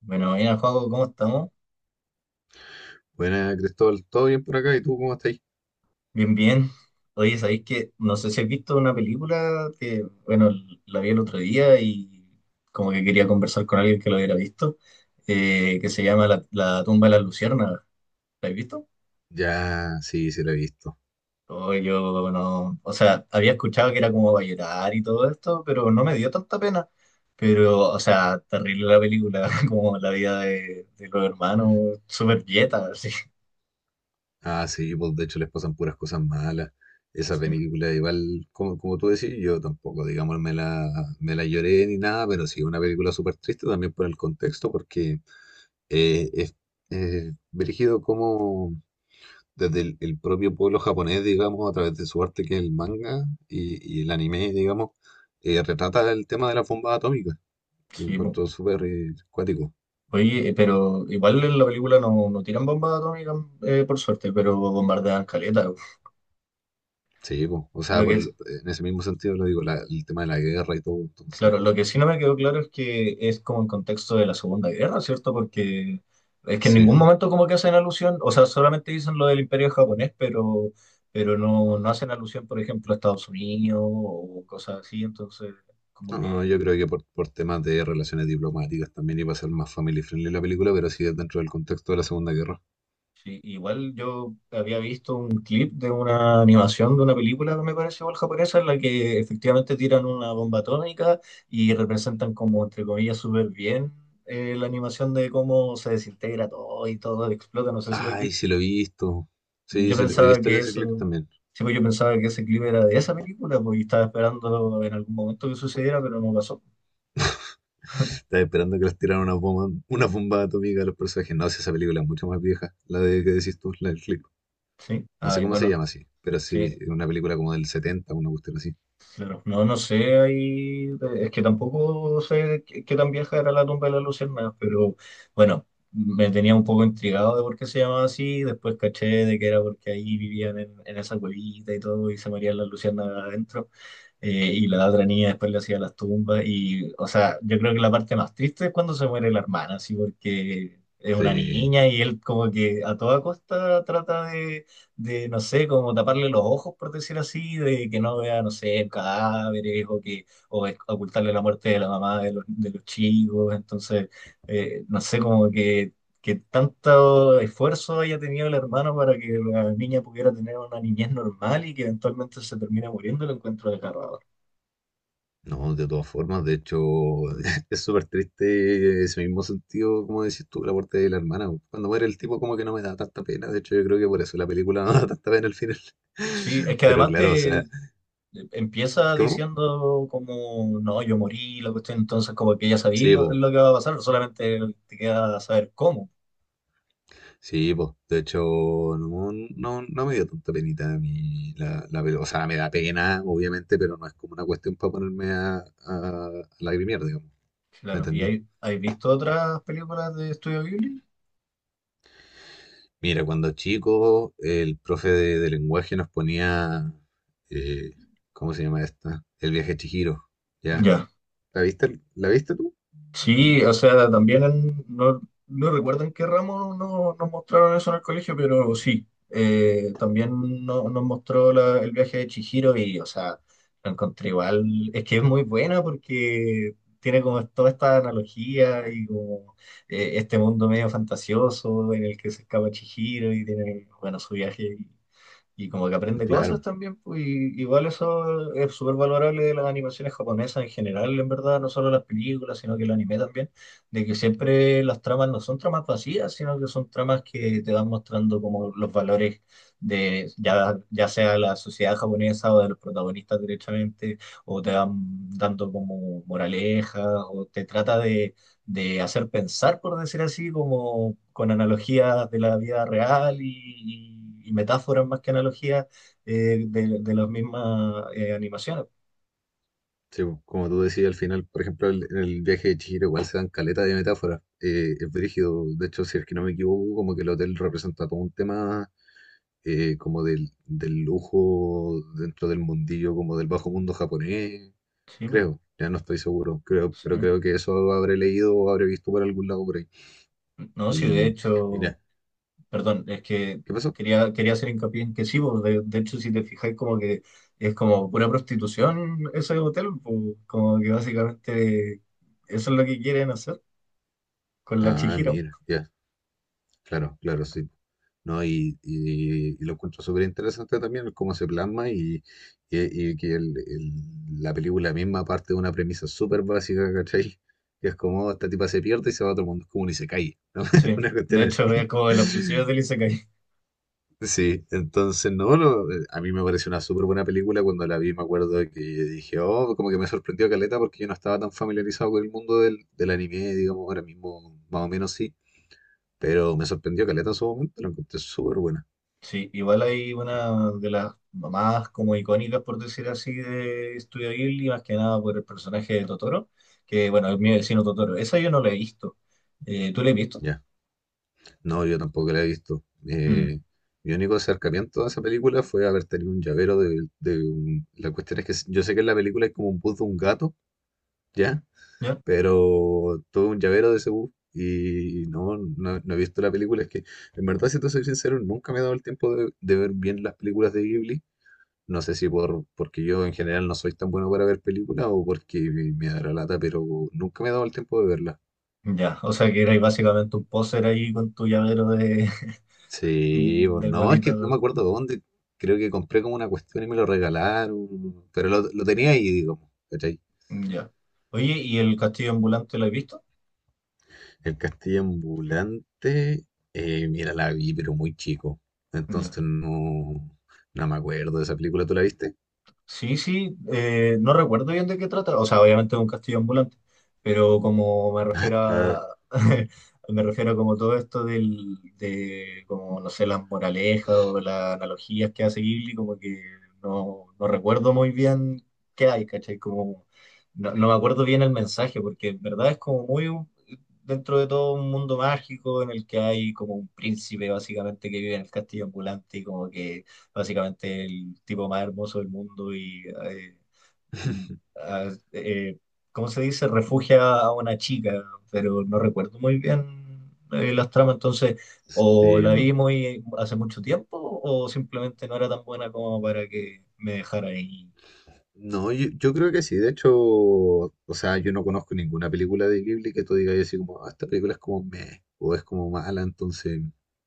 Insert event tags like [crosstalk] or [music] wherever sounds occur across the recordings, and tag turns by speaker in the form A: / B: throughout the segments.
A: Bueno, bien, juego, ¿cómo estamos?
B: Buena, Cristóbal, ¿todo bien por acá? ¿Y tú cómo estás ahí?
A: Bien, bien. Oye, ¿sabéis que no sé si has visto una película que, bueno, la vi el otro día y como que quería conversar con alguien que lo hubiera visto, que se llama la tumba de las luciérnagas. ¿La has visto?
B: Ya, sí, sí la he visto.
A: O yo no, o sea, había escuchado que era como para llorar y todo esto, pero no me dio tanta pena. Pero, o sea, terrible la película, [laughs] como la vida de los hermanos, súper dieta, así.
B: Ah, sí, pues de hecho les pasan puras cosas malas. Esa
A: Sí,
B: película, igual, como, como tú decís, yo tampoco, digamos, me la lloré ni nada, pero sí, una película súper triste también por el contexto, porque es dirigido como desde el propio pueblo japonés, digamos, a través de su arte que es el manga y el anime, digamos, retrata el tema de la bomba atómica. Lo
A: sí, po.
B: encuentro súper cuático.
A: Oye, pero igual en la película no, no tiran bombas atómicas, por suerte, pero bombardean caleta.
B: Sí, po. O sea,
A: Lo que es,
B: en ese mismo sentido lo digo, el tema de la guerra y todo, entonces.
A: claro, lo que sí no me quedó claro es que es como en contexto de la Segunda Guerra, ¿cierto? Porque es que en
B: Sí.
A: ningún momento como que hacen alusión, o sea, solamente dicen lo del Imperio japonés, pero no, no hacen alusión, por ejemplo, a Estados Unidos o cosas así, entonces
B: No,
A: como
B: no, no,
A: que.
B: yo creo que por temas de relaciones diplomáticas también iba a ser más family friendly la película, pero sí dentro del contexto de la Segunda Guerra.
A: Sí, igual yo había visto un clip de una animación de una película, me parece, igual japonesa, en la que efectivamente tiran una bomba atómica y representan como, entre comillas, súper bien la animación de cómo se desintegra todo y todo explota, no sé si lo he
B: Ay,
A: visto.
B: sí lo he visto. Sí,
A: Yo
B: sí, he
A: pensaba
B: visto
A: que
B: ese
A: eso,
B: clip también.
A: sí, pues yo pensaba que ese clip era de esa película, porque estaba esperando en algún momento que sucediera, pero no pasó.
B: Estaba esperando que les tiraran una bomba atómica a los personajes. No, si esa película es mucho más vieja, la de que decís tú, la del clip.
A: Sí,
B: No
A: ah,
B: sé
A: y
B: cómo se
A: bueno,
B: llama así, pero sí,
A: sí.
B: es una película como del 70, una cuestión así.
A: Claro, no, no sé, ahí, es que tampoco sé qué, qué tan vieja era La tumba de las luciérnagas, pero bueno, me tenía un poco intrigado de por qué se llamaba así, después caché de que era porque ahí vivían en esa cuevita y todo, y se morían las luciérnagas adentro y la otra niña después le hacía las tumbas y, o sea, yo creo que la parte más triste es cuando se muere la hermana, así porque es una
B: Sí.
A: niña y él como que a toda costa trata de, no sé, como taparle los ojos, por decir así, de que no vea, no sé, cadáveres o que o ocultarle la muerte de la mamá de los chicos, entonces, no sé, como que tanto esfuerzo haya tenido el hermano para que la niña pudiera tener una niñez normal y que eventualmente se termine muriendo, lo encuentro desgarrador.
B: No, de todas formas, de hecho, [laughs] es súper triste ese mismo sentido, como decís tú, la muerte de la hermana. Cuando muere el tipo, como que no me da tanta pena. De hecho, yo creo que por eso la película [laughs] no da tanta pena al final.
A: Sí, es
B: [laughs]
A: que
B: Pero
A: además
B: claro, o
A: te
B: sea,
A: empieza
B: ¿cómo?
A: diciendo como, no, yo morí, la cuestión, entonces como que ya sabéis
B: Sí, pues,
A: lo que va a pasar, solamente te queda saber cómo,
B: sí, pues, de hecho, no, no me dio tanta penita a mí la peli... O sea, me da pena, obviamente, pero no es como una cuestión para ponerme a lagrimear, digamos. ¿Me
A: claro. ¿Y
B: entendí?
A: hay visto otras películas de Estudio Ghibli?
B: Mira, cuando chico, el profe de lenguaje nos ponía, eh, ¿cómo se llama esta? El viaje de Chihiro, ¿ya?
A: Ya.
B: ¿La viste tú?
A: Sí, o sea, también no, no recuerdo en qué ramo nos mostraron eso en el colegio, pero sí, también nos mostró el viaje de Chihiro y, o sea, lo encontré igual. Es que es muy buena porque tiene como toda esta analogía y como este mundo medio fantasioso en el que se escapa Chihiro y tiene, bueno, su viaje y como que aprende cosas
B: Claro,
A: también, pues, y igual eso es súper valorable de las animaciones japonesas en general, en verdad, no solo las películas, sino que el anime también, de que siempre las tramas no son tramas vacías, sino que son tramas que te van mostrando como los valores de ya, ya sea la sociedad japonesa o de los protagonistas directamente, o te van dando como moralejas, o te trata de hacer pensar, por decir así, como con analogías de la vida real y, y metáforas más que analogías de las mismas animaciones.
B: sí, pues, como tú decías al final, por ejemplo, en el viaje de Chihiro igual se dan caleta de metáforas, es brígido, de hecho, si es que no me equivoco, como que el hotel representa todo un tema como del, del lujo dentro del mundillo, como del bajo mundo japonés,
A: Sí, po,
B: creo, ya no estoy seguro, creo, pero
A: sí.
B: creo que eso habré leído o habré visto por algún lado por ahí.
A: No, sí, de
B: Y
A: hecho,
B: mira,
A: perdón, es que
B: ¿qué pasó?
A: quería, quería hacer hincapié en que sí, po, de hecho, si te fijáis, como que es como pura prostitución ese hotel, po, como que básicamente eso es lo que quieren hacer con la
B: Ah,
A: Chihiro.
B: mira, ya, claro, claro, sí. No, y lo encuentro súper interesante también el cómo se plasma y, y que la película misma parte de una premisa súper básica, ¿cachai? Que es como esta tipa se pierde y se va a otro mundo, es como un isekai, ¿no? [laughs]
A: Sí,
B: Una
A: de
B: cuestión así.
A: hecho, es como de los principios del Isekai.
B: Sí, entonces no, no, a mí me pareció una súper buena película cuando la vi, me acuerdo que dije, oh, como que me sorprendió caleta porque yo no estaba tan familiarizado con el mundo del, del anime, digamos, ahora mismo más o menos sí, pero me sorprendió caleta en su momento, la encontré súper buena,
A: Sí, igual hay una de las más como icónicas, por decir así, de Studio Ghibli, más que nada por el personaje de Totoro, que bueno, es Mi vecino Totoro. Esa yo no la he visto. ¿Tú la has visto?
B: ya. No, yo tampoco la he visto.
A: Mm,
B: Eh, mi único acercamiento a esa película fue haber tenido un llavero La cuestión es que yo sé que en la película hay como un bus de un gato, ¿ya?
A: ¿ya?
B: Pero todo un llavero de Cebú. Y no he visto la película. Es que, en verdad, si te soy sincero, nunca me he dado el tiempo de ver bien las películas de Ghibli. No sé si por, porque yo en general no soy tan bueno para ver películas o porque me da la lata, pero nunca me he dado el tiempo de verlas.
A: Ya, o sea que eres básicamente un póster ahí con tu llavero de, [laughs]
B: Sí,
A: del
B: no, es que no me
A: bonito.
B: acuerdo dónde. Creo que compré como una cuestión y me lo regalaron, pero lo tenía ahí, digamos, ¿cachai?
A: Ya. Oye, ¿y El castillo ambulante lo has visto?
B: El castillo ambulante, mira, la vi, pero muy chico.
A: Ya.
B: Entonces no, no me acuerdo de esa película. ¿Tú la viste?
A: Sí, sí, no recuerdo bien de qué trata, o sea, obviamente es un castillo ambulante, pero como me refiero
B: Ar...
A: a, [laughs] me refiero a como todo esto del, de, como, no sé, las moralejas o las analogías que hace Ghibli, como que no, no recuerdo muy bien qué hay, ¿cachai? Como, no, no me acuerdo bien el mensaje, porque en verdad es como muy, dentro de todo un mundo mágico en el que hay como un príncipe básicamente que vive en el castillo ambulante y como que básicamente el tipo más hermoso del mundo y,
B: [laughs]
A: a- eh, ¿cómo se dice? Refugia a una chica, pero no recuerdo muy bien las tramas, entonces o
B: Sí,
A: la
B: no.
A: vi muy hace mucho tiempo o simplemente no era tan buena como para que me dejara ahí.
B: No, yo creo que sí. De hecho, o sea, yo no conozco ninguna película de Ghibli que tú digas así como, "Ah, esta película es como meh, o es como mala", entonces...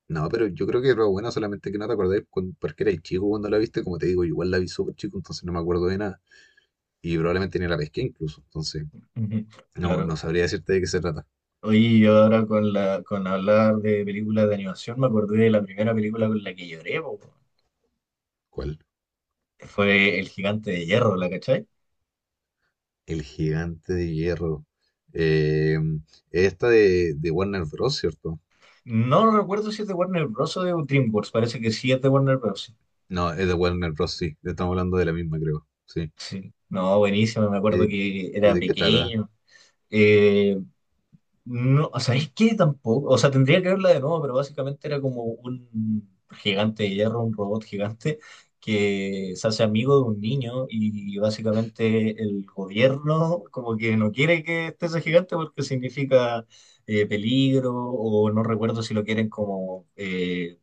B: No, pero yo creo que era buena, solamente que no te acordáis porque eras chico cuando la viste, como te digo, yo igual la vi súper chico, entonces no me acuerdo de nada. Y probablemente ni la pesqué incluso, entonces
A: Ujú,
B: no
A: claro.
B: sabría decirte de qué se trata.
A: Oye, y ahora con la, con hablar de películas de animación, me acordé de la primera película con la que lloré, po.
B: ¿Cuál?
A: Fue El gigante de hierro, ¿la cachai?
B: El gigante de hierro. Eh, Esta de Warner Bros., ¿cierto?
A: No, no recuerdo si es de Warner Bros. O de DreamWorks, parece que sí es de Warner Bros.
B: No, es de Warner Bros., sí. Estamos hablando de la misma, creo. Sí.
A: Sí, no, buenísimo, me acuerdo
B: Eh,
A: que era
B: ¿De qué trata?
A: pequeño. Eh, no, o sea, es que tampoco, o sea, tendría que verla de nuevo, pero básicamente era como un gigante de hierro, un robot gigante que se hace amigo de un niño y básicamente el gobierno como que no quiere que esté ese gigante porque significa peligro o no recuerdo si lo quieren como...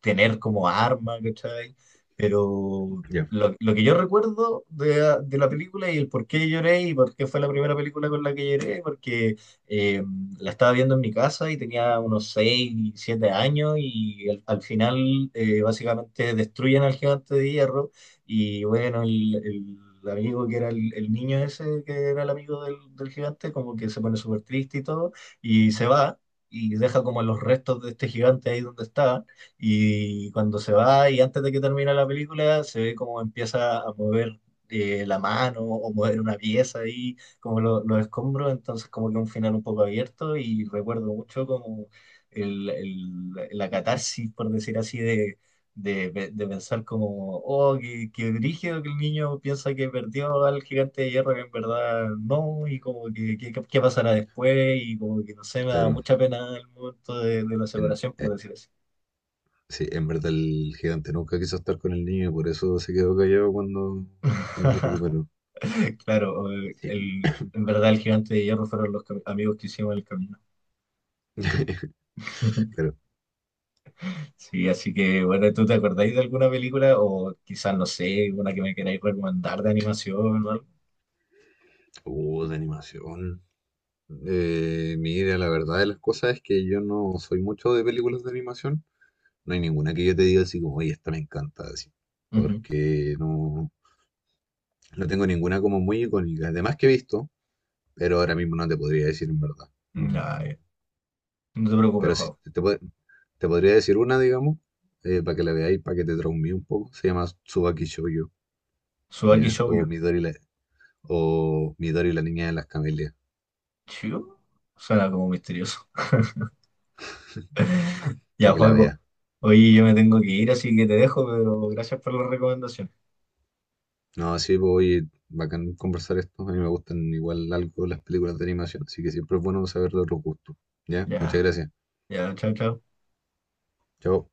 A: tener como arma, ¿cachai? Pero
B: Ya,
A: lo que yo recuerdo de, ah, de la película y el por qué lloré y por qué fue la primera película con la que lloré, porque eh, la estaba viendo en mi casa y tenía unos 6 7 años y al, al final básicamente destruyen al gigante de hierro y bueno, el amigo que era el niño ese, que era el amigo del, del gigante, como que se pone súper triste y todo y se va y deja como los restos de este gigante ahí donde estaba. Y cuando se va y antes de que termine la película, se ve como empieza a mover la mano o mover una pieza ahí, como los escombros, entonces como que un final un poco abierto y recuerdo mucho como el, la catarsis, por decir así, de, de pensar como, oh, qué, qué brígido que el niño piensa que perdió al gigante de hierro, que en verdad no, y como que qué qué pasará después, y como que no sé, me da
B: claro.
A: mucha pena el momento de la
B: En,
A: separación, por
B: eh,
A: decir así.
B: sí, en verdad el gigante nunca quiso estar con el niño y por eso se quedó callado cuando, cuando se
A: [laughs]
B: recuperó.
A: Claro,
B: Sí.
A: el, en verdad el gigante de hierro fueron los amigos que hicimos en el camino.
B: [laughs] Claro.
A: [laughs] Sí, así que bueno, ¿tú te acordáis de alguna película o quizás, no sé, una que me queráis recomendar de animación o algo?
B: De animación. Mira, la verdad de las cosas es que yo no soy mucho de películas de animación. No hay ninguna que yo te diga así como, oye, esta me encanta, así.
A: Ujú.
B: Porque no, no tengo ninguna como muy icónica. Además que he visto, pero ahora mismo no te podría decir en verdad.
A: Ay,
B: No.
A: no te preocupes,
B: Pero sí,
A: Juan.
B: te podría decir una, digamos, para que la veáis, para que te traumé un poco. Se llama Tsubaki Shoujo,
A: Tsubaki
B: ¿ya?
A: Shoujo.
B: O Midori la niña de las camelias,
A: ¿Shoujo? Suena como misterioso. [laughs] Ya,
B: para que la
A: Juaco.
B: veas.
A: Oye, yo me tengo que ir, así que te dejo, pero gracias por la recomendación.
B: No, sí, pues oye, bacán conversar esto. A mí me gustan igual algo las películas de animación, así que siempre es bueno saber de otros gustos. ¿Ya? Muchas
A: Ya,
B: gracias.
A: ya, chao, chao.
B: Chao.